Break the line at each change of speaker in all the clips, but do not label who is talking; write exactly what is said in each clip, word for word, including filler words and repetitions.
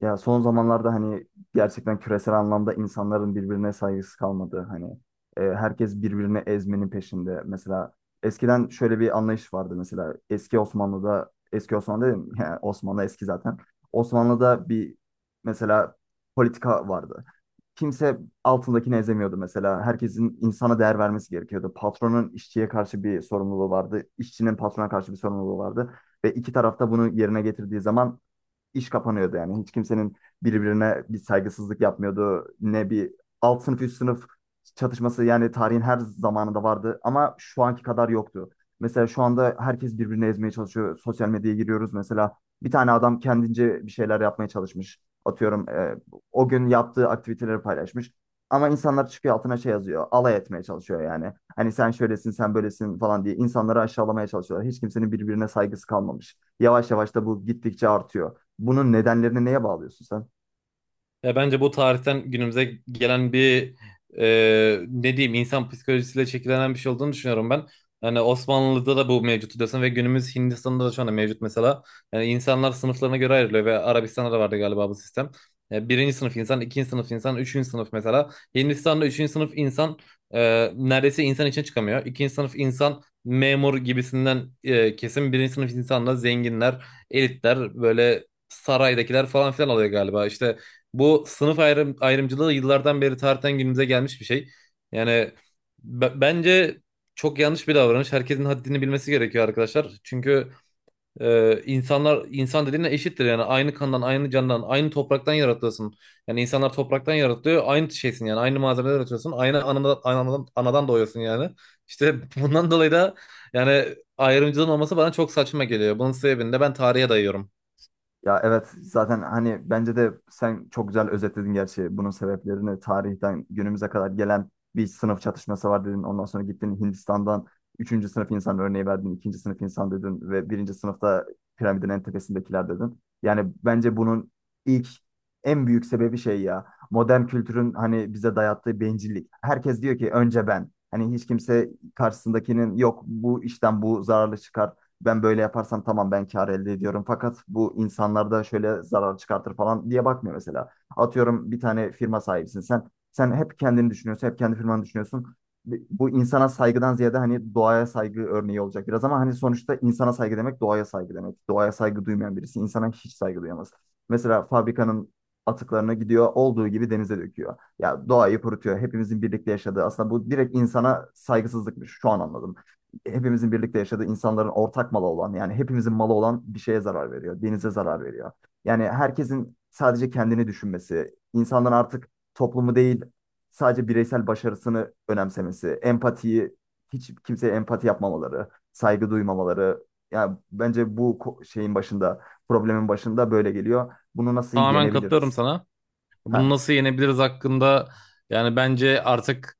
Ya son zamanlarda hani gerçekten küresel anlamda insanların birbirine saygısı kalmadı. Hani e, herkes birbirini ezmenin peşinde. Mesela eskiden şöyle bir anlayış vardı, mesela eski Osmanlı'da. Eski Osmanlı dedim, yani Osmanlı eski zaten. Osmanlı'da bir mesela politika vardı. Kimse altındakini ezemiyordu mesela. Herkesin insana değer vermesi gerekiyordu. Patronun işçiye karşı bir sorumluluğu vardı. İşçinin patrona karşı bir sorumluluğu vardı. Ve iki taraf da bunu yerine getirdiği zaman iş kapanıyordu yani. Hiç kimsenin birbirine bir saygısızlık yapmıyordu. Ne bir alt sınıf üst sınıf çatışması, yani tarihin her zamanında vardı ama şu anki kadar yoktu. Mesela şu anda herkes birbirini ezmeye çalışıyor. Sosyal medyaya giriyoruz mesela. Bir tane adam kendince bir şeyler yapmaya çalışmış. Atıyorum, e, o gün yaptığı aktiviteleri paylaşmış. Ama insanlar çıkıyor altına şey yazıyor. Alay etmeye çalışıyor yani. Hani sen şöylesin, sen böylesin falan diye insanları aşağılamaya çalışıyorlar. Hiç kimsenin birbirine saygısı kalmamış. Yavaş yavaş da bu gittikçe artıyor. Bunun nedenlerini neye bağlıyorsun sen?
Ya bence bu tarihten günümüze gelen bir e, ne diyeyim insan psikolojisiyle şekillenen bir şey olduğunu düşünüyorum ben. Yani Osmanlı'da da bu mevcut diyorsun ve günümüz Hindistan'da da şu anda mevcut mesela. Yani insanlar sınıflarına göre ayrılıyor ve Arabistan'da da vardı galiba bu sistem. E, birinci sınıf insan, ikinci sınıf insan, üçüncü sınıf mesela. Hindistan'da üçüncü sınıf insan e, neredeyse insan için çıkamıyor. İkinci sınıf insan memur gibisinden e, kesim. Birinci sınıf insanla zenginler, elitler, böyle saraydakiler falan filan oluyor galiba. İşte bu sınıf ayrım, ayrımcılığı yıllardan beri tarihten günümüze gelmiş bir şey. Yani b- bence çok yanlış bir davranış. Herkesin haddini bilmesi gerekiyor arkadaşlar. Çünkü e, insanlar insan dediğine eşittir. Yani aynı kandan, aynı candan, aynı topraktan yaratılıyorsun. Yani insanlar topraktan yaratılıyor. Aynı şeysin yani. Aynı malzemeden yaratıyorsun. Aynı anadan, anadan, anadan doğuyorsun yani. İşte bundan dolayı da yani ayrımcılığın olması bana çok saçma geliyor. Bunun sebebini de ben tarihe dayıyorum.
Ya evet, zaten hani bence de sen çok güzel özetledin. Gerçi bunun sebeplerini tarihten günümüze kadar gelen bir sınıf çatışması var dedin. Ondan sonra gittin Hindistan'dan üçüncü sınıf insan örneği verdin, ikinci sınıf insan dedin ve birinci sınıfta piramidin en tepesindekiler dedin. Yani bence bunun ilk en büyük sebebi şey, ya modern kültürün hani bize dayattığı bencillik. Herkes diyor ki önce ben. Hani hiç kimse karşısındakinin yok, bu işten bu zararlı çıkar, ben böyle yaparsam tamam ben kar elde ediyorum fakat bu insanlarda şöyle zarar çıkartır falan diye bakmıyor mesela. Atıyorum bir tane firma sahibisin sen. Sen hep kendini düşünüyorsun, hep kendi firmanı düşünüyorsun. Bu insana saygıdan ziyade hani doğaya saygı örneği olacak biraz ama hani sonuçta insana saygı demek doğaya saygı demek. Doğaya saygı duymayan birisi insana hiç saygı duyamaz. Mesela fabrikanın atıklarını gidiyor olduğu gibi denize döküyor. Ya doğayı kurutuyor. Hepimizin birlikte yaşadığı, aslında bu direkt insana saygısızlıkmış. Şu an anladım, hepimizin birlikte yaşadığı, insanların ortak malı olan, yani hepimizin malı olan bir şeye zarar veriyor. Denize zarar veriyor. Yani herkesin sadece kendini düşünmesi, insanların artık toplumu değil sadece bireysel başarısını önemsemesi, empatiyi, hiç kimseye empati yapmamaları, saygı duymamaları. Yani bence bu ko- şeyin başında, problemin başında böyle geliyor. Bunu nasıl
Tamamen katılıyorum
yenebiliriz?
sana. Bunu
Ha.
nasıl yenebiliriz hakkında yani bence artık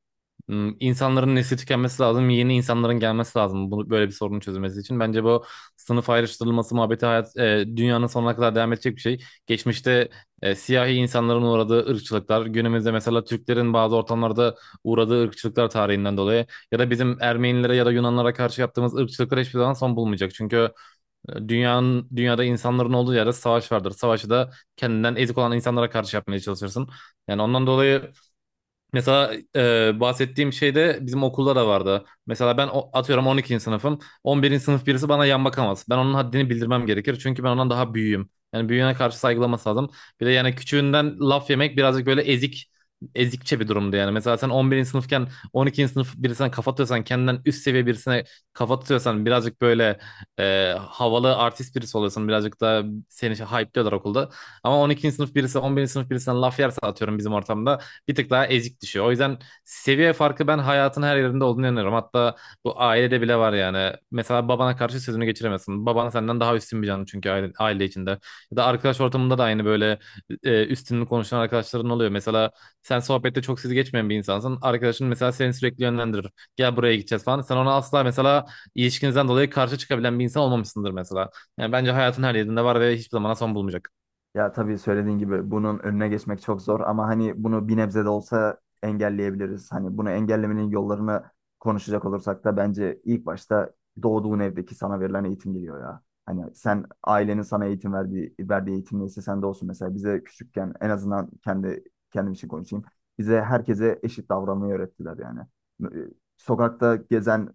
m, insanların nesli tükenmesi lazım. Yeni insanların gelmesi lazım. Bunu böyle bir sorunun çözülmesi için. Bence bu sınıf ayrıştırılması muhabbeti hayat e, dünyanın sonuna kadar devam edecek bir şey. Geçmişte e, siyahi insanların uğradığı ırkçılıklar, günümüzde mesela Türklerin bazı ortamlarda uğradığı ırkçılıklar tarihinden dolayı ya da bizim Ermenilere ya da Yunanlara karşı yaptığımız ırkçılıklar hiçbir zaman son bulmayacak. Çünkü Dünyanın, dünyada insanların olduğu yerde savaş vardır. Savaşı da kendinden ezik olan insanlara karşı yapmaya çalışırsın. Yani ondan dolayı mesela e, bahsettiğim şey de bizim okulda da vardı. Mesela ben o- atıyorum on ikinci sınıfım. on birinci sınıf birisi bana yan bakamaz. Ben onun haddini bildirmem gerekir. Çünkü ben ondan daha büyüğüm. Yani büyüğüne karşı saygılaması lazım. Bir de yani küçüğünden laf yemek birazcık böyle ezik ezikçe bir durumdu yani. Mesela sen on birinci sınıfken on ikinci sınıf birisine kafa tutuyorsan kendinden üst seviye birisine kafa tutuyorsan birazcık böyle e, havalı artist birisi oluyorsun. Birazcık da seni şey hype'liyorlar okulda. Ama on ikinci sınıf birisi on birinci sınıf birisinden laf yerse atıyorum bizim ortamda bir tık daha ezik düşüyor. O yüzden seviye farkı ben hayatın her yerinde olduğunu inanıyorum. Hatta bu ailede bile var yani. Mesela babana karşı sözünü geçiremezsin. Baban senden daha üstün bir canlı çünkü aile, aile içinde. Ya da arkadaş ortamında da aynı böyle e, üstünlük konuşan arkadaşların oluyor. Mesela sen sohbette çok sizi geçmeyen bir insansın. Arkadaşın mesela seni sürekli yönlendirir. Gel buraya gideceğiz falan. Sen ona asla mesela ilişkinizden dolayı karşı çıkabilen bir insan olmamışsındır mesela. Yani bence hayatın her yerinde var ve hiçbir zaman son bulmayacak.
Ya tabii söylediğin gibi bunun önüne geçmek çok zor ama hani bunu bir nebze de olsa engelleyebiliriz. Hani bunu engellemenin yollarını konuşacak olursak da bence ilk başta doğduğun evdeki sana verilen eğitim geliyor ya. Hani sen ailenin sana eğitim verdiği, verdiği eğitim neyse sende olsun. Mesela bize küçükken, en azından kendi kendim için konuşayım, bize herkese eşit davranmayı öğrettiler yani. Ee, Sokakta gezen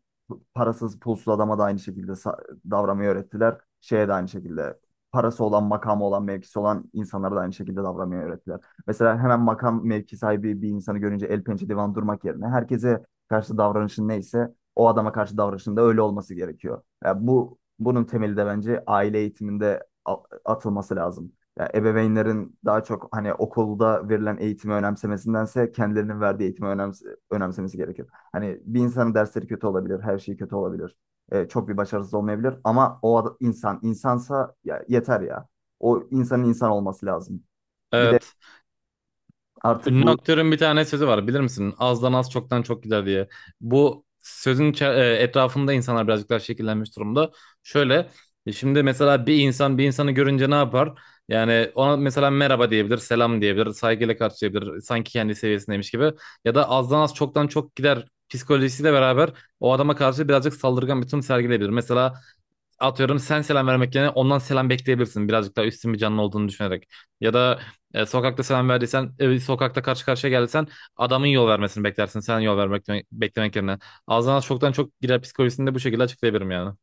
parasız pulsuz adama da aynı şekilde sa- davranmayı öğrettiler. Şeye de aynı şekilde, parası olan, makamı olan, mevkisi olan insanlara da aynı şekilde davranmayı öğrettiler. Mesela hemen makam mevki sahibi bir insanı görünce el pençe divan durmak yerine, herkese karşı davranışın neyse o adama karşı davranışın da öyle olması gerekiyor. Ya bu, bunun temeli de bence aile eğitiminde a- atılması lazım. Ya ebeveynlerin daha çok hani okulda verilen eğitimi önemsemesindense kendilerinin verdiği eğitimi önems- önemsemesi gerekiyor. Hani bir insanın dersleri kötü olabilir, her şey kötü olabilir. E, çok bir başarısız olmayabilir ama o insan insansa ya, yeter ya. O insanın insan olması lazım. Bir de
Evet.
artık
Ünlü
bu,
aktörün bir tane sözü var bilir misin? Azdan az çoktan çok gider diye. Bu sözün içe- e, etrafında insanlar birazcık daha şekillenmiş durumda. Şöyle e, şimdi mesela bir insan bir insanı görünce ne yapar? Yani ona mesela merhaba diyebilir, selam diyebilir, saygıyla karşılayabilir. Sanki kendi seviyesindeymiş gibi. Ya da azdan az çoktan çok gider psikolojisiyle beraber o adama karşı birazcık saldırgan bir tutum sergileyebilir. Mesela atıyorum sen selam vermek yerine ondan selam bekleyebilirsin. Birazcık daha üstün bir canlı olduğunu düşünerek. Ya da e, sokakta selam verdiysen, e, sokakta karşı karşıya geldiysen adamın yol vermesini beklersin. Sen yol vermek beklemek yerine. Ağzından çoktan çok girer psikolojisini de bu şekilde açıklayabilirim yani.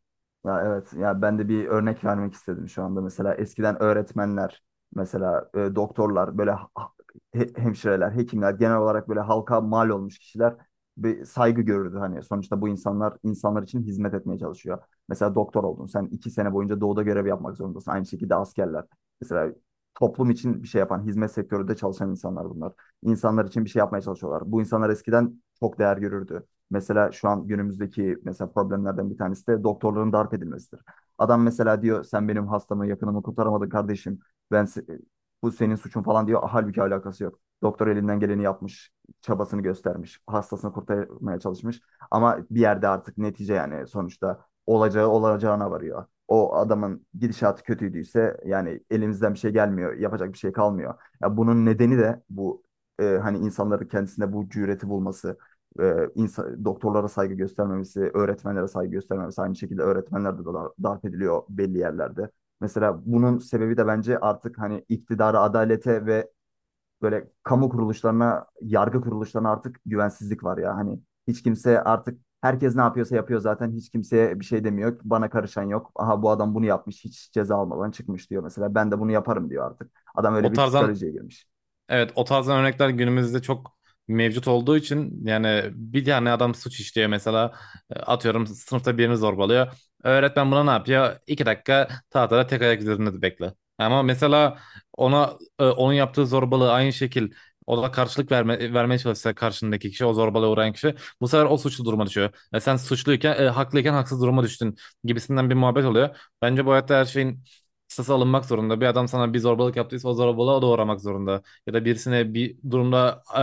ya evet ya, ben de bir örnek vermek istedim. Şu anda mesela eskiden öğretmenler, mesela e, doktorlar, böyle ha- ha- he- hemşireler, hekimler, genel olarak böyle halka mal olmuş kişiler bir saygı görürdü. Hani sonuçta bu insanlar insanlar için hizmet etmeye çalışıyor. Mesela doktor oldun, sen iki sene boyunca doğuda görev yapmak zorundasın. Aynı şekilde askerler, mesela toplum için bir şey yapan hizmet sektöründe çalışan insanlar bunlar. İnsanlar için bir şey yapmaya çalışıyorlar. Bu insanlar eskiden çok değer görürdü. Mesela şu an günümüzdeki mesela problemlerden bir tanesi de doktorların darp edilmesidir. Adam mesela diyor sen benim hastamı, yakınımı kurtaramadın kardeşim. Ben se- Bu senin suçun falan diyor. Halbuki alakası yok. Doktor elinden geleni yapmış, çabasını göstermiş, hastasını kurtarmaya çalışmış. Ama bir yerde artık netice, yani sonuçta olacağı olacağına varıyor. O adamın gidişatı kötüydüyse, yani elimizden bir şey gelmiyor, yapacak bir şey kalmıyor. Ya bunun nedeni de bu e, hani insanların kendisinde bu cüreti bulması, e, insa- doktorlara saygı göstermemesi, öğretmenlere saygı göstermemesi. Aynı şekilde öğretmenler de dar- darp ediliyor belli yerlerde. Mesela bunun sebebi de bence artık hani iktidara, adalete ve böyle kamu kuruluşlarına, yargı kuruluşlarına artık güvensizlik var ya. Hani hiç kimse artık, herkes ne yapıyorsa yapıyor zaten. Hiç kimseye bir şey demiyor. Bana karışan yok. Aha bu adam bunu yapmış, hiç ceza almadan çıkmış diyor mesela. Ben de bunu yaparım diyor artık. Adam öyle
O
bir
tarzdan
psikolojiye girmiş.
Evet, o tarzdan örnekler günümüzde çok mevcut olduğu için yani bir tane adam suç işliyor mesela. E, atıyorum sınıfta birini zorbalıyor. Öğretmen buna ne yapıyor? İki dakika tahtada tek ayak üzerinde bekle. Ama mesela ona e, onun yaptığı zorbalığı aynı şekil o da karşılık verme, vermeye çalışsa karşındaki kişi, o zorbalığa uğrayan kişi, bu sefer o suçlu duruma düşüyor. E, sen suçluyken e, haklıyken haksız duruma düştün gibisinden bir muhabbet oluyor. Bence bu hayatta her şeyin kısası alınmak zorunda. Bir adam sana bir zorbalık yaptıysa o zorbalığa o da uğramak zorunda ya da birisine bir durumda e,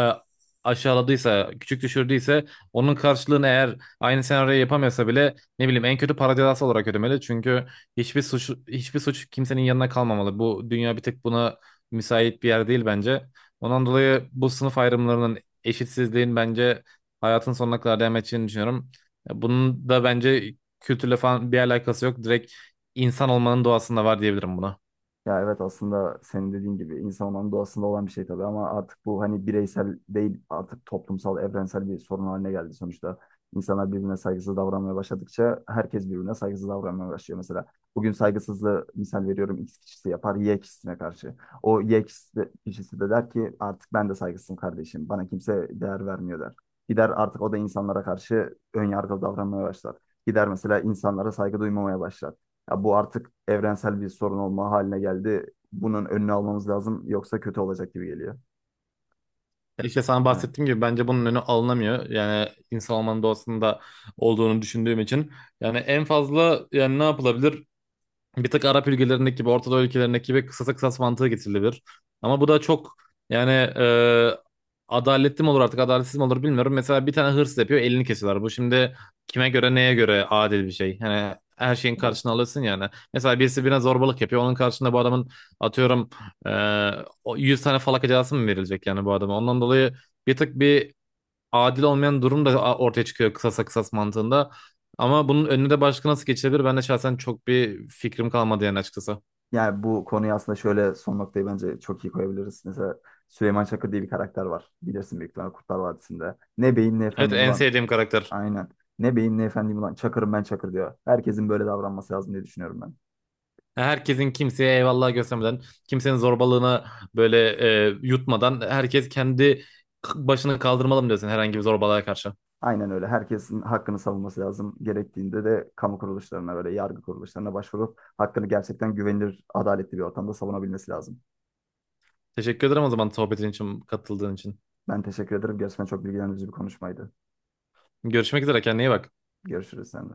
aşağıladıysa, küçük düşürdüyse onun karşılığını, eğer aynı senaryoyu yapamıyorsa bile, ne bileyim, en kötü para cezası olarak ödemeli. Çünkü hiçbir suç hiçbir suç kimsenin yanına kalmamalı. Bu dünya bir tek buna müsait bir yer değil bence. Ondan dolayı bu sınıf ayrımlarının, eşitsizliğin bence hayatın sonuna kadar devam edeceğini düşünüyorum. Bunun da bence kültürle falan bir alakası yok. Direkt insan olmanın doğasında var diyebilirim buna.
Ya evet, aslında senin dediğin gibi insan olmanın doğasında olan bir şey tabii, ama artık bu hani bireysel değil, artık toplumsal, evrensel bir sorun haline geldi sonuçta. İnsanlar birbirine saygısız davranmaya başladıkça herkes birbirine saygısız davranmaya başlıyor mesela. Bugün saygısızlığı misal veriyorum, X kişisi yapar Y kişisine karşı. O Y kişisi de, kişisi de der ki artık ben de saygısızım kardeşim, bana kimse değer vermiyor der. Gider artık o da insanlara karşı ön yargılı davranmaya başlar. Gider mesela insanlara saygı duymamaya başlar. Ya bu artık evrensel bir sorun olma haline geldi. Bunun önünü almamız lazım yoksa kötü olacak gibi geliyor.
Ya İşte sana
He.
bahsettiğim gibi bence bunun önü alınamıyor. Yani insan olmanın doğasında olduğunu düşündüğüm için. Yani en fazla yani ne yapılabilir? Bir tık Arap ülkelerindeki gibi, Orta Doğu ülkelerindeki gibi kısasa kısas mantığı getirilebilir. Ama bu da çok yani e, adaletli mi olur artık adaletsiz mi olur bilmiyorum. Mesela bir tane hırsız yapıyor, elini kesiyorlar. Bu şimdi kime göre neye göre adil bir şey. Yani her şeyin
Evet.
karşına alırsın yani. Mesela birisi birine zorbalık yapıyor. Onun karşında bu adamın atıyorum e, o yüz tane falaka cezası mı verilecek yani bu adama. Ondan dolayı bir tık bir adil olmayan durum da ortaya çıkıyor kısasa kısas mantığında. Ama bunun önüne de başka nasıl geçilebilir? Ben de şahsen çok bir fikrim kalmadı yani açıkçası.
Yani bu konuyu aslında şöyle, son noktayı bence çok iyi koyabiliriz. Mesela Süleyman Çakır diye bir karakter var, bilirsin büyük ihtimalle, Kurtlar Vadisi'nde. Ne beyim ne
Evet,
efendim
en
ulan.
sevdiğim karakter.
Aynen. Ne beyim ne efendim ulan. Çakırım ben, Çakır diyor. Herkesin böyle davranması lazım diye düşünüyorum ben.
Herkesin kimseye eyvallah göstermeden, kimsenin zorbalığına böyle e, yutmadan herkes kendi başını kaldırmalı mı diyorsun herhangi bir zorbalığa karşı.
Aynen öyle. Herkesin hakkını savunması lazım. Gerektiğinde de kamu kuruluşlarına, böyle yargı kuruluşlarına başvurup hakkını gerçekten güvenilir, adaletli bir ortamda savunabilmesi lazım.
Teşekkür ederim o zaman sohbetin için, katıldığın için.
Ben teşekkür ederim. Gerçekten çok bilgilendirici bir konuşmaydı.
Görüşmek üzere, kendine iyi bak.
Görüşürüz seninle.